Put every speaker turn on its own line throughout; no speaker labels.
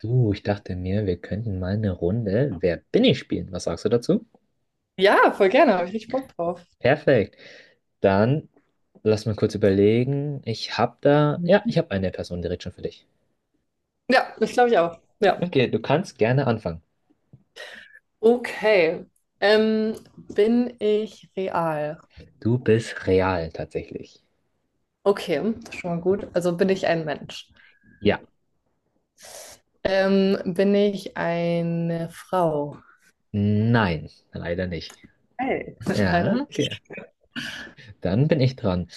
Du, ich dachte mir, wir könnten mal eine Runde Wer bin ich spielen. Was sagst du dazu?
Ja, voll gerne, habe ich richtig Bock drauf.
Perfekt. Dann lass mal kurz überlegen. Ich habe da, ja, ich habe eine Person direkt schon für dich.
Ja, das glaube ich auch. Ja.
Okay, du kannst gerne anfangen.
Okay. Ähm, Bin ich real?
Du bist real tatsächlich.
Okay, das ist schon mal gut. Also bin ich ein Mensch?
Ja.
Bin ich eine Frau?
Nein, leider nicht.
Hey. Leider
Ja, okay.
nicht.
Dann bin ich dran.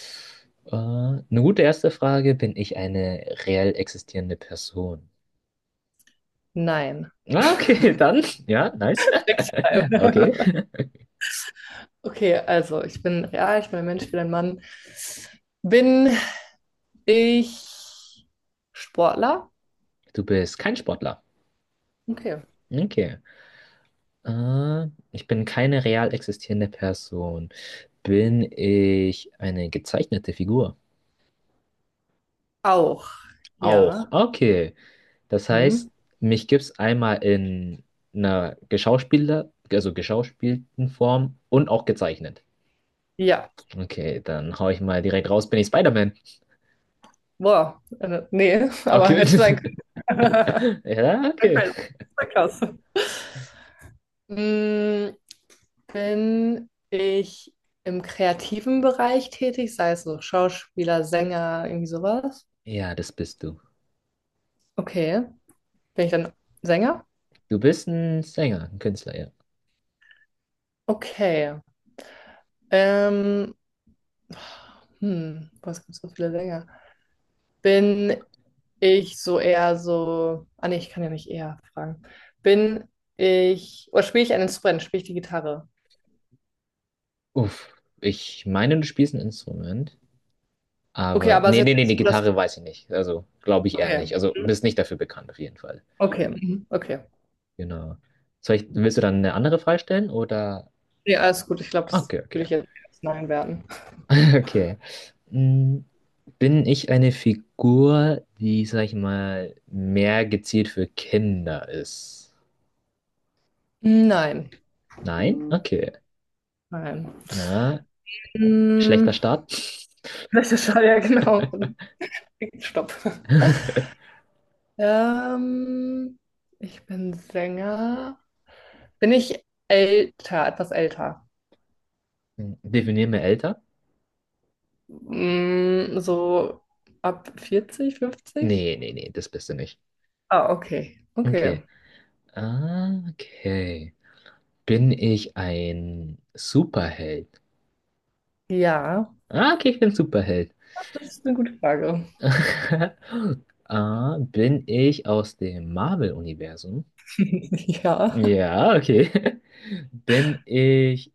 Eine gute erste Frage, bin ich eine reell existierende Person?
Nein.
Ah, okay, dann, ja, nice.
Sechsmal.
Okay.
Okay, also ich bin real, ich bin ein Mensch, ich bin ein Mann. Bin ich Sportler?
Du bist kein Sportler.
Okay.
Okay. Ich bin keine real existierende Person. Bin ich eine gezeichnete Figur?
Auch.
Auch.
Ja.
Okay. Das
Hm.
heißt, mich gibt es einmal in einer geschauspieler, also geschauspielten Form und auch gezeichnet.
Ja.
Okay, dann hau ich mal direkt raus, bin ich Spider-Man.
Boah, nee, aber
Okay.
hätte sein können.
Ja, okay.
Okay, das ist ja krass. Mm, Bin ich im kreativen Bereich tätig, sei es so Schauspieler, Sänger, irgendwie sowas?
Ja, das bist du.
Okay. Bin ich dann Sänger?
Du bist ein Sänger, ein Künstler, ja.
Okay. Ähm, boah, es gibt so viele Sänger. Bin ich so eher so. Ah, nee, ich kann ja nicht eher fragen. Bin ich. Oder spiele ich ein Instrument? Spiele ich die Gitarre?
Uff. Ich meine, du spielst ein Instrument.
Okay,
Aber
aber es
nee,
ist
nee,
jetzt
nee, die
nicht so, dass.
Gitarre weiß ich nicht. Also glaube ich eher
Okay.
nicht. Also bist nicht dafür bekannt auf jeden Fall.
Okay, Mhm, okay.
Genau. Soll ich, willst du dann eine andere Frage stellen oder?
Ja, alles gut. Ich glaube, das
Okay, okay.
würde ich jetzt als Nein werten.
Okay. Mm, bin ich eine Figur, die, sag ich mal, mehr gezielt für Kinder ist?
Nein,
Nein? Okay.
nein.
Ja,
Hm,
schlechter Start.
Welche Schall, ja, genau. Stopp. Ähm, ich bin Sänger. Bin ich älter, etwas älter?
Definier mir älter?
Hm, so ab 40, 50?
Nee, das bist du nicht.
Ah, okay,
Okay.
okay.
Ah, okay. Bin ich ein Superheld?
Ja,
Ah, okay, ich bin Superheld.
das ist eine gute Frage.
Ah, bin ich aus dem Marvel-Universum?
Ja,
Ja, okay. Bin ich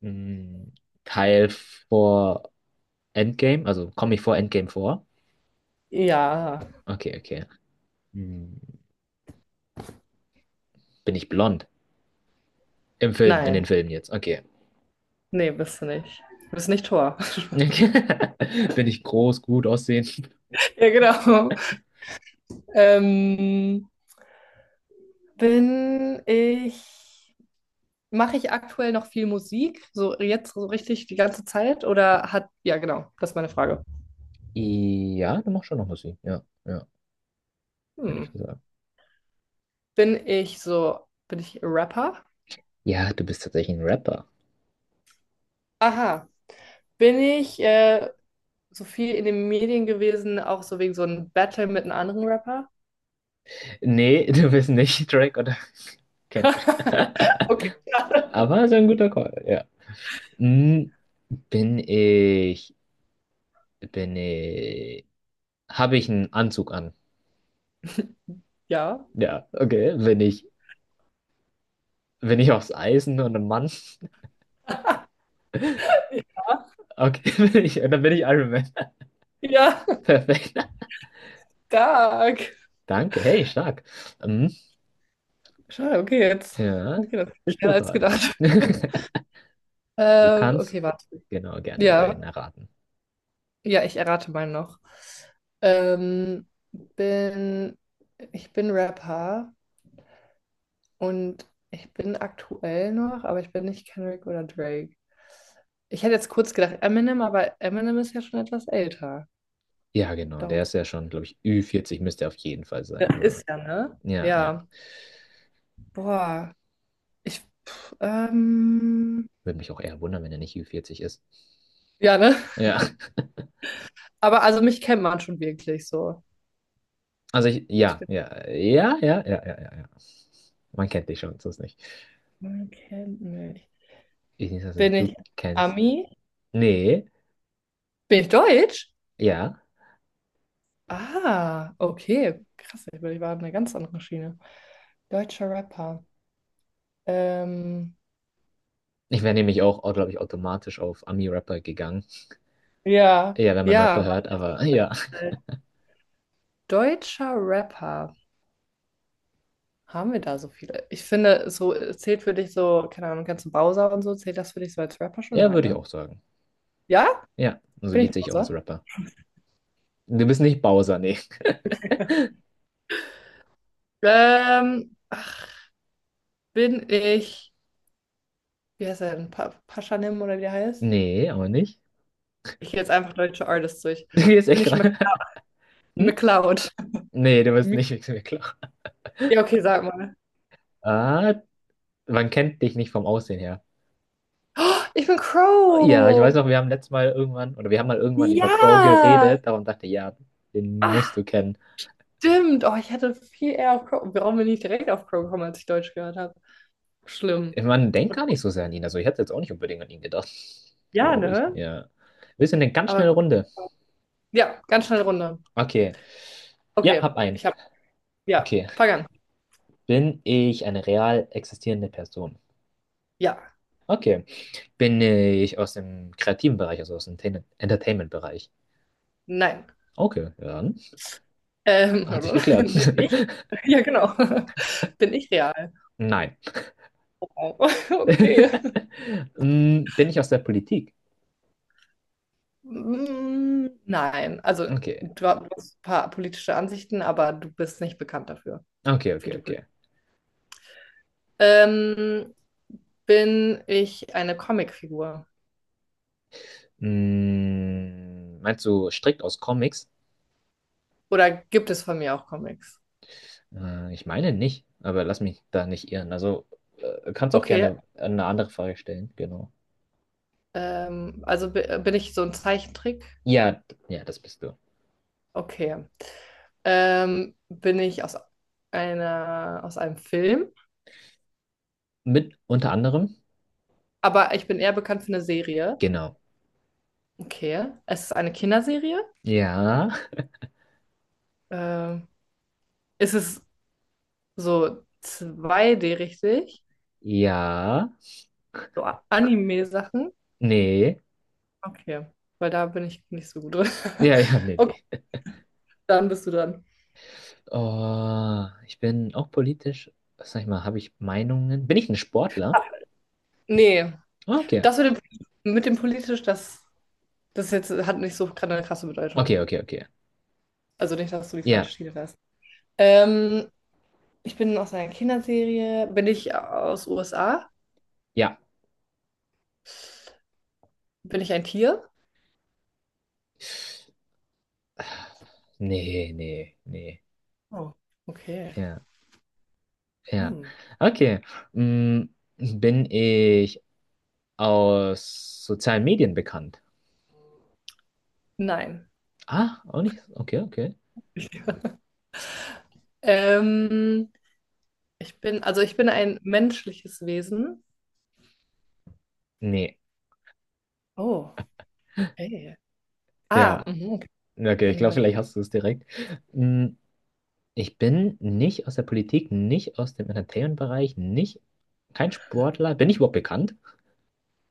mh, Teil vor Endgame? Also komme ich vor Endgame vor?
ja.
Okay, okay. Hm, bin ich blond? Im Film, in den
Nein,
Filmen jetzt. Okay.
nee, bist du nicht. Du bist nicht Tor.
Okay. Bin ich groß, gut aussehen?
Ja, genau. Ähm, bin ich, mache ich aktuell noch viel Musik? So jetzt so richtig die ganze Zeit? Oder hat, ja, genau, das ist meine Frage.
Ja, du machst schon noch Musik. Ja, ja, hätte ich
Hm.
gesagt.
Bin ich so, bin ich Rapper?
Ja, du bist tatsächlich ein Rapper.
Aha. Bin ich so viel in den Medien gewesen, auch so wegen so einem Battle mit einem anderen Rapper?
Nee, du bist nicht Drake oder Kendrick.
Okay, schade.
Aber so ein guter Call, ja. Hm, Bin ich, bin ich, habe ich einen Anzug an?
Ja.
Ja, okay, bin ich aufs Eisen und ein Mann? Okay, bin ich, dann bin ich Iron Man.
Ja,
Perfekt.
stark.
Danke, hey, stark. Hm,
Schade, okay, jetzt
ja,
geht das
bist du
schneller als
dran.
gedacht.
Du
Okay,
kannst
warte.
genau gerne deinen
Ja.
erraten.
Ja, ich errate mal noch. Ähm, bin, ich bin Rapper und ich bin aktuell noch, aber ich bin nicht Kendrick oder Drake. Ich hätte jetzt kurz gedacht Eminem, aber Eminem ist ja schon etwas älter.
Ja, genau, der
Darum
ist ja schon, glaube ich, Ü40 müsste er auf jeden Fall
ja,
sein. Also,
ist ja, ne?
ja.
Ja. Boah. Ich, pff, ähm,
Würde mich auch eher wundern, wenn er nicht Ü40 ist.
ja, ne?
Ja,
Aber also mich kennt man schon wirklich so.
also ich,
Ich bin,
ja. Man kennt dich schon, sonst nicht.
man kennt mich.
Ich nicht, also
Bin
du
ich
kennst.
Ami?
Nee,
Bin ich Deutsch?
ja.
Ah, okay. Krass, ich war auf einer ganz anderen Schiene. Deutscher Rapper. Ähm,
Ich wäre nämlich auch, glaube ich, automatisch auf Ami-Rapper gegangen.
ja,
Ja, wenn man Rapper
ja.
hört, aber ja,
Deutscher Rapper. Haben wir da so viele? Ich finde, so zählt für dich so, keine Ahnung, kannst du Bowser und so, zählt das für dich so als Rapper schon?
ja,
Nein,
würde ich
ne?
auch sagen.
Ja?
Ja, also
Bin
Lied
ich
sehe ich auch als
Bowser?
Rapper. Du bist nicht Bowser, nee.
Ähm, bin ich, wie heißt er denn? Pa Paschanim oder wie der heißt?
Nee, aber nicht.
Ich gehe jetzt einfach deutsche Artists durch.
Du gehst
Bin
echt
ich Mc
gerade. Hm?
McCloud?
Nee, du bist
Mc
nicht, ist mir klar.
ja, okay, sag mal.
Ah, man kennt dich nicht vom Aussehen her.
Oh, ich bin
Ja, ich weiß
Crow.
noch, wir haben letztes Mal irgendwann, oder wir haben mal irgendwann über Crow
Ja!
geredet, darum dachte ich, ja, den musst
Ach,
du kennen.
stimmt. Oh, ich hätte viel eher auf Crow. Warum bin ich direkt auf Crow gekommen, als ich Deutsch gehört habe? Schlimm.
Man denkt gar nicht so sehr an ihn, also ich hätte jetzt auch nicht unbedingt an ihn gedacht,
Ja,
glaube ich,
ne?
ja. Wir sind eine ganz
Aber
schnelle
gut.
Runde.
Ja, ganz schnell Runde.
Okay, ja,
Okay,
hab einen.
ich habe. Ja,
Okay,
fang an.
bin ich eine real existierende Person?
Ja,
Okay, bin ich aus dem kreativen Bereich, also aus dem Ten- Entertainment-Bereich?
nein.
Okay, ja, dann
Ähm,
hat sich geklärt.
bin ich? Ja, genau. Bin ich real?
Nein.
Oh, okay.
Mm, bin ich aus der Politik?
Mm, nein, also
Okay.
du hast ein paar politische Ansichten, aber du bist nicht bekannt dafür,
Okay,
für
okay,
die
okay.
Ähm, bin ich eine Comicfigur?
Mm, meinst du strikt aus Comics?
Oder gibt es von mir auch Comics?
Ich meine nicht, aber lass mich da nicht irren. Also kannst auch
Okay,
gerne eine andere Frage stellen, genau.
bin ich so ein Zeichentrick?
Ja, ja, das bist du.
Okay. Bin ich aus einer, aus einem Film?
Mit unter anderem?
Aber ich bin eher bekannt für eine Serie.
Genau.
Okay. Es ist eine Kinderserie?
Ja,
Ähm, ist es so zwei d richtig?
ja,
So A- Anime-Sachen?
nee,
Okay. Weil da bin ich nicht so gut drin.
ja, ja, nee,
Okay,
nee.
dann bist du dran.
Oh, ich bin auch politisch, was sag ich mal, habe ich Meinungen? Bin ich ein Sportler?
Nee,
Okay,
das mit dem politisch, das, das jetzt hat nicht so gerade eine krasse
okay,
Bedeutung.
okay, okay.
Also nicht, dass du die falsche
Ja,
Schiene fährst. Ähm, ich bin aus einer Kinderserie. Bin ich aus USA?
ja.
Bin ich ein Tier?
Ah, Nee.
Oh, okay.
Ja. Ja,
Hm.
okay. Mm, bin ich aus sozialen Medien bekannt?
Nein.
Ah, auch nicht. Okay, okay.
Ähm, also ich bin ein menschliches Wesen.
Nee,
Oh, ey. Ah,
ja.
mhm, okay.
Okay, ich
Dann
glaube,
war-
vielleicht hast du es direkt. Mm, ich bin nicht aus der Politik, nicht aus dem Entertainment-Bereich, nicht, kein Sportler. Bin ich überhaupt bekannt?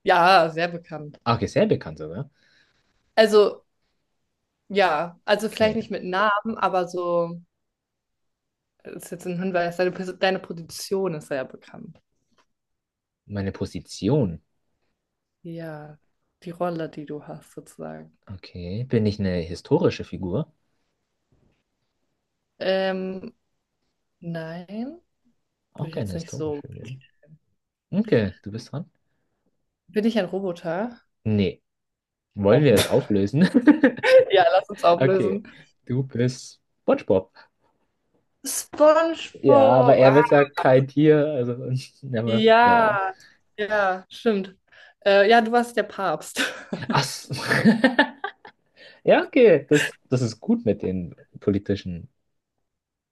Ja, sehr bekannt.
Ah, okay, sehr bekannt sogar.
Also, ja, also vielleicht
Okay,
nicht mit Namen, aber so. Das ist jetzt ein Hinweis, deine Position ist sehr bekannt.
meine Position.
Ja, die Rolle, die du hast, sozusagen.
Okay, bin ich eine historische Figur?
Ähm, nein, würde
Auch
ich
keine
jetzt nicht so.
historische Figur. Okay, du bist dran?
Bin ich ein Roboter?
Nee. Wollen
Oh,
wir es auflösen?
ja, lass uns
Okay,
auflösen.
du bist SpongeBob. Ja, aber
SpongeBob!
er
Ah,
wird ja kein Tier, also aber, ja.
ja, ja, stimmt. Ja, du warst der Papst.
Ach, so. ja, okay, das ist gut mit den politischen,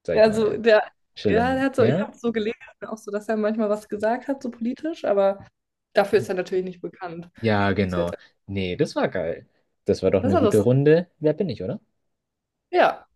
sag ich
Also,
mal,
der, ja, der
Stellungen,
hat so, ich
ja?
habe so gelesen, auch so, dass er manchmal was gesagt hat, so politisch, aber dafür ist er natürlich nicht bekannt.
Ja,
So
genau.
jetzt,
Nee, das war geil. Das war doch
das ist
eine
ja
gute
lustig.
Runde. Wer bin ich, oder?
Ja.